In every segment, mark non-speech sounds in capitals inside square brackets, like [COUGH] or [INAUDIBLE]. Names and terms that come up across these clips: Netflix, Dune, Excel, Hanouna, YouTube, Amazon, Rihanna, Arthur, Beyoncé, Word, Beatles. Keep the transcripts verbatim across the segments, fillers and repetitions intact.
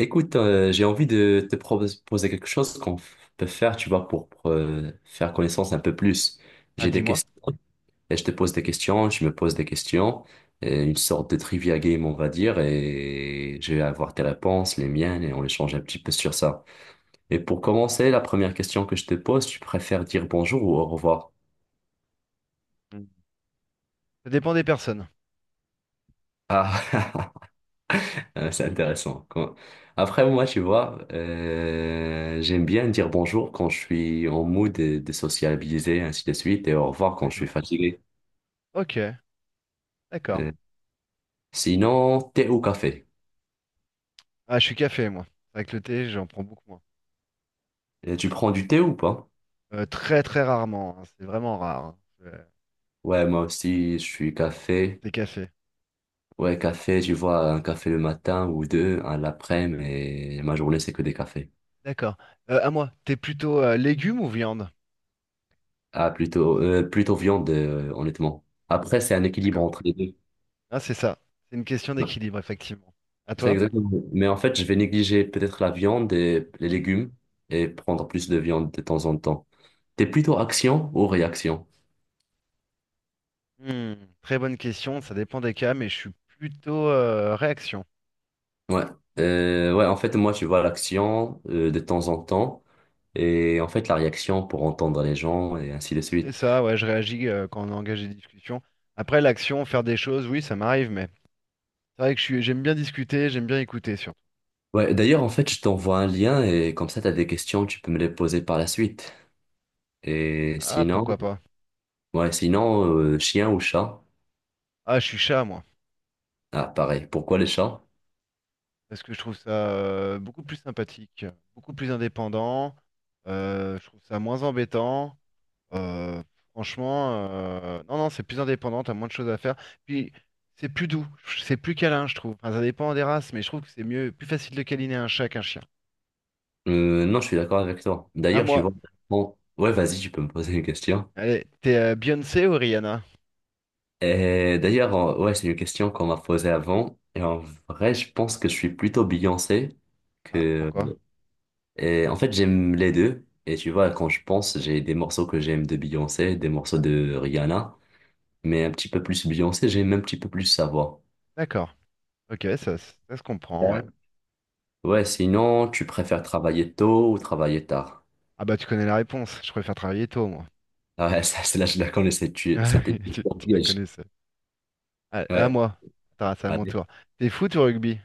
Écoute, euh, j'ai envie de te proposer quelque chose qu'on f- peut faire, tu vois, pour, pour, euh, faire connaissance un peu plus. Ah, J'ai des dis-moi. questions et je te pose des questions, je me pose des questions, et une sorte de trivia game, on va dire, et je vais avoir tes réponses, les miennes, et on échange un petit peu sur ça. Et pour commencer, la première question que je te pose, tu préfères dire bonjour ou au revoir? Mm. Ça dépend des personnes. Ah, [LAUGHS] Euh, c'est intéressant. Quand- Après, moi, tu vois, euh, j'aime bien dire bonjour quand je suis en mood de, de sociabiliser, ainsi de suite, et au revoir quand je suis D'accord. fatigué. Ok, d'accord. Euh, sinon, thé ou café? Ah, je suis café, moi. Avec le thé, j'en prends beaucoup moins. Euh, tu prends du thé ou pas? Euh, très, très rarement, hein. C'est vraiment rare, hein. Euh, Ouais, moi aussi, je suis café. Thé café. Ouais, café, tu vois, un café le matin ou deux, un l'après-midi, et ma journée, c'est que des cafés. D'accord. Euh, à moi, t'es plutôt euh, légumes ou viande? Ah, plutôt, euh, plutôt viande, euh, honnêtement. Après, c'est un équilibre D'accord. entre les deux. Ah, c'est ça. C'est une question d'équilibre, effectivement. À C'est toi? exactement. Mais en fait, je vais négliger peut-être la viande et les Mm. légumes et prendre plus de viande de temps en temps. T'es plutôt action ou réaction? Hmm, Très bonne question. Ça dépend des cas, mais je suis plutôt euh, réaction. Ouais. Euh, ouais, en fait, moi, tu vois l'action euh, de temps en temps et en fait, la réaction pour entendre les gens et ainsi de C'est suite. ça, ouais, je réagis euh, quand on engage des discussions. Après, l'action, faire des choses, oui, ça m'arrive, mais c'est vrai que je suis, j'aime bien discuter, j'aime bien écouter, surtout. Ouais, d'ailleurs, en fait, je t'envoie un lien et comme ça, t'as des questions, tu peux me les poser par la suite. Et Ah, pourquoi sinon, pas. ouais, sinon, euh, chien ou chat? Ah, je suis chat, moi. Ah, pareil. Pourquoi les chats? Parce que je trouve ça euh, beaucoup plus sympathique, beaucoup plus indépendant. Euh, je trouve ça moins embêtant. euh, Franchement, euh, non, non, c'est plus indépendant, t'as moins de choses à faire. Puis, c'est plus doux, c'est plus câlin, je trouve. Enfin, ça dépend des races, mais je trouve que c'est mieux, plus facile de câliner un chat qu'un chien. Euh, non, je suis d'accord avec toi. À D'ailleurs, j'y moi. vois. Bon, ouais, vas-y, tu peux me poser une question. Allez, t'es euh, Beyoncé ou Rihanna? Et d'ailleurs, euh, ouais, c'est une question qu'on m'a posée avant. Et en vrai, je pense que je suis plutôt Beyoncé Ah, que. pourquoi? Et en fait, j'aime les deux. Et tu vois, quand je pense, j'ai des morceaux que j'aime de Beyoncé, des morceaux de Rihanna, mais un petit peu plus Beyoncé, j'aime un petit peu plus sa voix. D'accord. Ok, ça, ça se comprend, ouais. Ouais, ouais, sinon, tu préfères travailler tôt ou travailler tard? Ah bah, tu connais la réponse. Je préfère travailler tôt, moi. [LAUGHS] Ah ouais, [LAUGHS] ça, c'est là, je la connais, c'est- tu- Ah c'était oui, Tu, un tu la piège. connaissais. Ah, à Ouais. moi. Attends, c'est à mon tour. T'es foot ou rugby?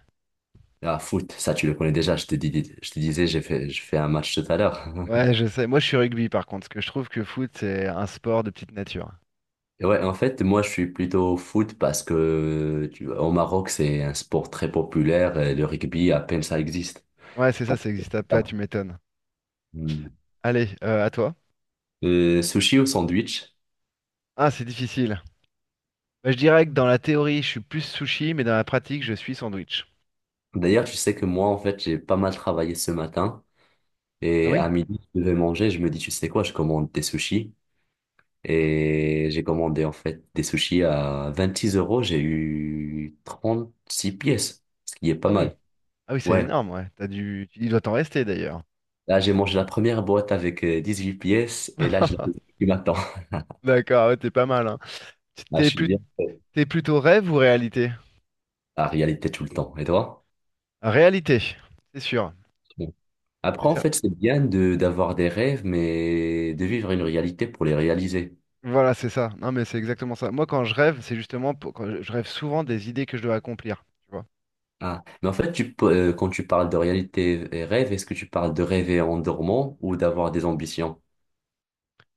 Ah, foot, ça tu le connais déjà, je te dis, je te disais, j'ai fait, je fais un match tout à l'heure. [LAUGHS] Ouais, je sais. Moi, je suis rugby par contre, parce que je trouve que foot, c'est un sport de petite nature. Et ouais, en fait, moi je suis plutôt foot parce que tu vois, au Maroc, c'est un sport très populaire et le rugby, à peine ça existe. Ouais, Je c'est ça, pense ça existe pas, pas. tu m'étonnes. Hmm. Allez, euh, à toi. Euh, sushi ou sandwich? Ah, c'est difficile. Bah, je dirais que dans la théorie, je suis plus sushi, mais dans la pratique, je suis sandwich. D'ailleurs, tu sais que moi, en fait, j'ai pas mal travaillé ce matin Ah et oui? à midi, je devais manger. Je me dis, tu sais quoi, je commande des sushis et j'ai commandé en fait des sushis à vingt-six euros. J'ai eu trente-six pièces, ce qui est pas Ah oui. mal. Ah oui, c'est Ouais. énorme, ouais. T'as dû... Il doit t'en rester d'ailleurs. Là, j'ai mangé la première boîte avec euh, huit pièces et là, je la mange [LAUGHS] du matin. [LAUGHS] D'accord, ouais, t'es pas mal, hein. Là, je T'es suis plus... bien T'es plutôt rêve ou réalité? la réalité tout le temps. Et toi? Réalité, c'est sûr. Bon. Après, C'est en ça. fait, c'est bien de d'avoir des rêves, mais de vivre une réalité pour les réaliser. Voilà, c'est ça. Non, mais c'est exactement ça. Moi, quand je rêve, c'est justement pour- quand je je rêve souvent des idées que je dois accomplir. Tu vois. Ah. Mais en fait, tu, peux- euh, quand tu parles de réalité et rêve, est-ce que tu parles de rêver en dormant ou d'avoir des ambitions?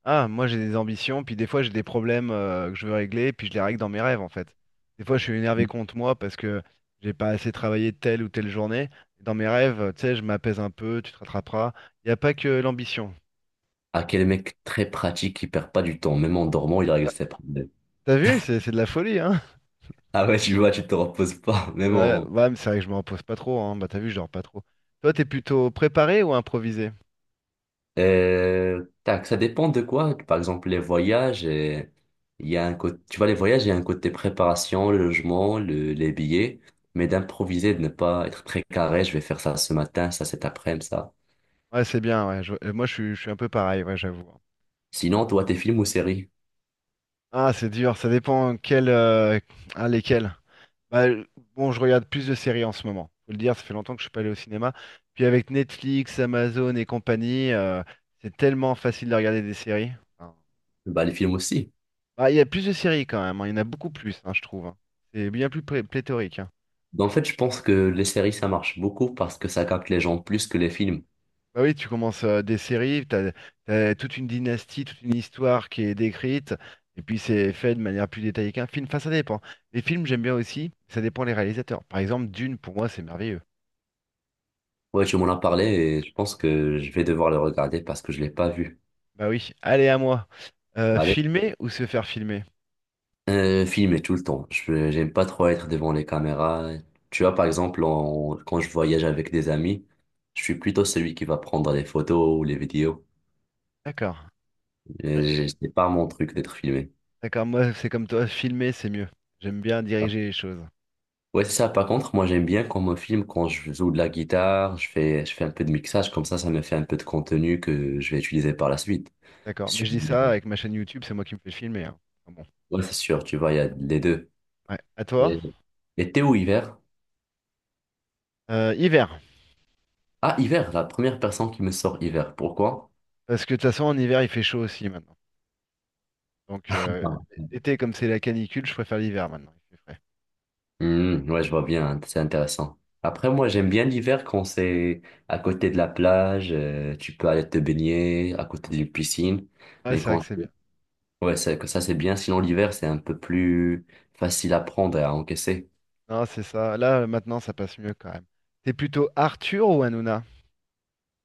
Ah, moi, j'ai des ambitions, puis des fois, j'ai des problèmes euh, que je veux régler, puis je les règle dans mes rêves, en fait. Des fois, je suis énervé contre moi parce que j'ai pas assez travaillé telle ou telle journée. Dans mes rêves, euh, tu sais, je m'apaise un peu, tu te rattraperas. Il n'y a pas que l'ambition. Ah, quel mec très pratique qui perd pas du temps. Même en dormant, il règle ses problèmes. T'as vu, c'est c'est de la folie, hein? Ah ouais, tu vois, tu te reposes pas. [LAUGHS] Même Ouais, en... ouais, mais c'est vrai que je me repose pas trop, hein. Bah, t'as vu, je dors pas trop. Toi, t'es plutôt préparé ou improvisé? Euh, tac, ça dépend de quoi. Par exemple, les voyages, et il y a un côté, tu vois, les voyages, il y a un côté préparation, le logement, le- les billets, mais d'improviser, de ne pas être très carré, je vais faire ça ce matin, ça cet après-midi, ça. Ouais, c'est bien, ouais. je- euh, Moi, je suis, je suis un peu pareil, ouais, j'avoue. Sinon, toi, tes films ou séries? Ah, c'est dur, ça dépend quel, euh, ah, lesquels. Bah, bon, je regarde plus de séries en ce moment. Faut le dire, ça fait longtemps que je suis pas allé au cinéma. Puis avec Netflix, Amazon et compagnie, euh, c'est tellement facile de regarder des séries. Enfin, Bah, les films aussi. bah, il y a plus de séries quand même, hein, Il y en a beaucoup plus, hein, je trouve, hein. C'est bien plus plé- pléthorique, hein. Bah, en fait, je pense que les séries, ça marche beaucoup parce que ça capte les gens plus que les films. Bah oui, tu commences euh, des séries, t'as, t'as toute une dynastie, toute une histoire qui est décrite, et puis c'est fait de manière plus détaillée qu'un film. Enfin, ça dépend. Les films, j'aime bien aussi, ça dépend les réalisateurs. Par exemple, Dune, pour moi, c'est merveilleux. Ouais, tu m'en as parlé et je pense que je vais devoir le regarder parce que je l'ai pas vu. Bah oui, allez à moi. Euh, Allez. Filmer ou se faire filmer? Euh, filmer tout le temps. Je, j'aime pas trop être devant les caméras. Tu vois, par exemple, en- quand je voyage avec des amis, je suis plutôt celui qui va prendre les photos ou les vidéos. D'accord. Euh, Euh, j'ai- C'est pas mon truc d'être filmé. D'accord, moi c'est comme toi, filmer c'est mieux. J'aime bien diriger les choses. Ouais, c'est ça. Par contre, moi, j'aime bien qu'on me filme quand je joue de la guitare, je fais, je fais un peu de mixage, comme ça, ça me fait un peu de contenu que je vais utiliser par la suite. D'accord, mais Sur- je dis ça avec ma chaîne YouTube, c'est moi qui me fais filmer, hein. Ah Bon, Ouais, c'est sûr, tu vois, il y a les deux. ouais. À toi. Et- été ou hiver? Euh, hiver, Ah, hiver, la première personne qui me sort hiver. Pourquoi? parce que de toute façon en hiver il fait chaud aussi maintenant. Donc euh, l'été comme c'est la canicule, je préfère l'hiver maintenant, il fait frais. Hmm, ouais, je vois bien, hein, c'est intéressant. Après, moi, j'aime bien l'hiver quand c'est à côté de la plage, euh, tu peux aller te baigner à côté d'une piscine. Ouais, Mais c'est vrai que quand, c'est bien. ouais, ça, que ça c'est bien. Sinon, l'hiver, c'est un peu plus facile à prendre et à encaisser. Non, c'est ça. Là maintenant ça passe mieux quand même. T'es plutôt Arthur ou Hanouna?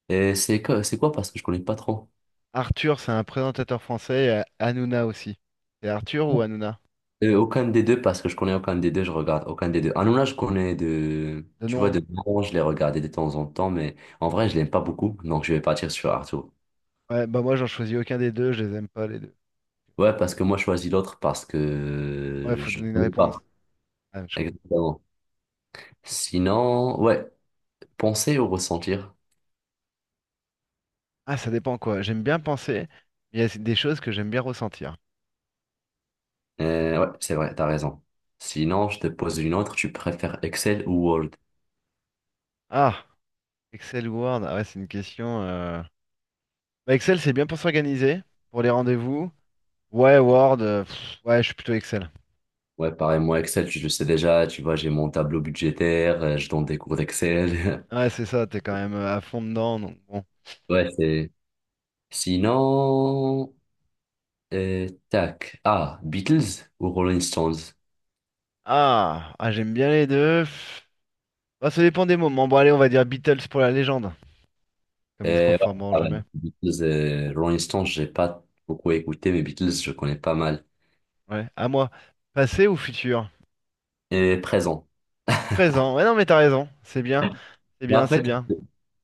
Et c'est quoi, c'est quoi parce que je connais pas trop. Arthur c'est un présentateur français, et Hanouna aussi. C'est Arthur ou Hanouna? Euh, aucun des deux, parce que je connais aucun des deux, je regarde aucun des deux. Hanouna, je connais de, De tu nom. vois, de nom, je l'ai regardé de temps en temps, mais en vrai, je l'aime pas beaucoup, donc je vais partir sur Arthur. Ouais, bah moi j'en choisis aucun des deux, je les aime pas les deux. Ouais, parce que moi, je choisis l'autre parce Ouais, que faut je ne donner une connais réponse. pas. Ah, je comprends. Exactement. Sinon, ouais, penser ou ressentir. Ah, ça dépend quoi. J'aime bien penser, mais il y a des choses que j'aime bien ressentir. Euh, ouais, c'est vrai, t'as raison. Sinon, je te pose une autre. Tu préfères Excel ou Word? Ah, Excel ou Word, ah ouais, c'est une question. euh. Bah, Excel, c'est bien pour s'organiser, pour les rendez-vous. Ouais, Word, euh, pff, ouais, je suis plutôt Excel. Ouais, pareil, moi, Excel, je le sais déjà. Tu vois, j'ai mon tableau budgétaire, euh, je donne des cours d'Excel. [LAUGHS] Ouais, c'est ça, t'es quand même euh, à fond dedans, donc bon. Ouais, c'est. Sinon, euh, tac. Ah, Beatles ou Rolling Stones? Ah, ah j'aime bien les deux. Pff. Bah, ça dépend des moments. Bon, allez, on va dire Beatles pour la légende, comme ils se Euh, ouais, reformeront pareil, jamais. Beatles, euh, Rolling Stones, j'ai pas beaucoup écouté, mais Beatles, je connais pas mal. Ouais, à moi. Passé ou futur? Et présent. Présent. Ouais, non, mais t'as raison, c'est bien. C'est Mais bien, en c'est fait, bien.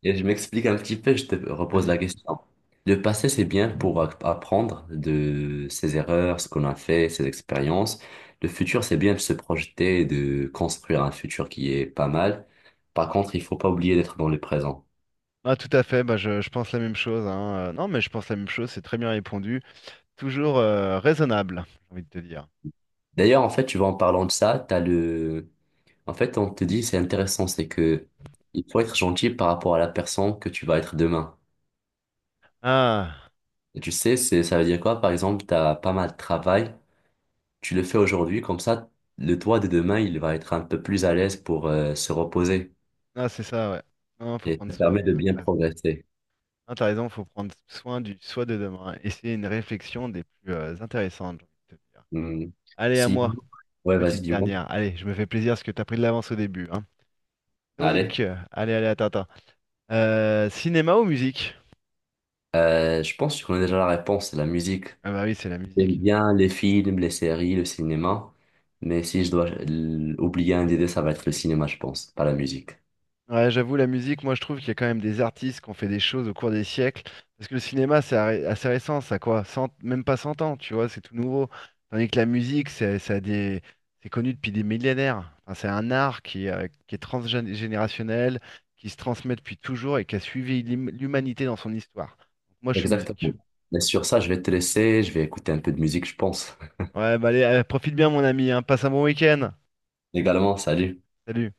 et je m'explique un petit peu, je te repose Vas-y. la question. Le passé, c'est bien pour a- apprendre de ses erreurs, ce qu'on a fait, ses expériences. Le futur, c'est bien de se projeter, de construire un futur qui est pas mal. Par contre, il faut pas oublier d'être dans le présent. Ah, tout à fait, bah, je, je pense la même chose, hein. Euh, non, mais je pense la même chose, c'est très bien répondu. Toujours euh, raisonnable, j'ai envie de te dire. D'ailleurs, en fait, tu vois, en parlant de ça, t'as le... En fait, on te dit, c'est intéressant, c'est que il faut être gentil par rapport à la personne que tu vas être demain. Ah, Et tu sais, c'est, ça veut dire quoi? Par exemple, t'as pas mal de travail. Tu le fais aujourd'hui, comme ça, le toi de demain, il va être un peu plus à l'aise pour euh, se reposer ah c'est ça, ouais. Non, faut et prendre ça soin. permet de Ah, bien T'as raison. progresser. Ah, t'as raison, faut prendre soin du soi de demain. Et c'est une réflexion des plus euh, intéressantes, j'ai envie de te dire. Hmm. Allez, à Si, moi, ouais, vas-y, petite dis-moi. dernière. Allez, je me fais plaisir parce que t'as pris de l'avance au début, hein. Allez. Donc, euh, allez, allez, attends, attends. Euh, cinéma ou musique? Euh, je pense qu'on a déjà la réponse, c'est la musique. Ah bah oui, c'est la J'aime musique. bien les films, les séries, le cinéma, mais si je dois euh, oublier un des deux, ça va être le cinéma, je pense, pas la musique. Ouais, j'avoue, la musique, moi je trouve qu'il y a quand même des artistes qui ont fait des choses au cours des siècles. Parce que le cinéma, c'est arri- assez récent, ça a quoi? Cent même pas cent ans, tu vois, c'est tout nouveau. Tandis que la musique, c'est ça a des... c'est connu depuis des millénaires. Enfin, c'est un art qui, euh, qui est transgénérationnel, qui se transmet depuis toujours et qui a suivi l'hum- l'humanité dans son histoire. moi, je suis musique. Exactement. Mais sur ça, je vais te laisser, je vais écouter un peu de musique, je pense. Ouais, bah allez, euh, profite bien, mon ami, hein. Passe un bon week-end. [LAUGHS] Également, salut. Salut.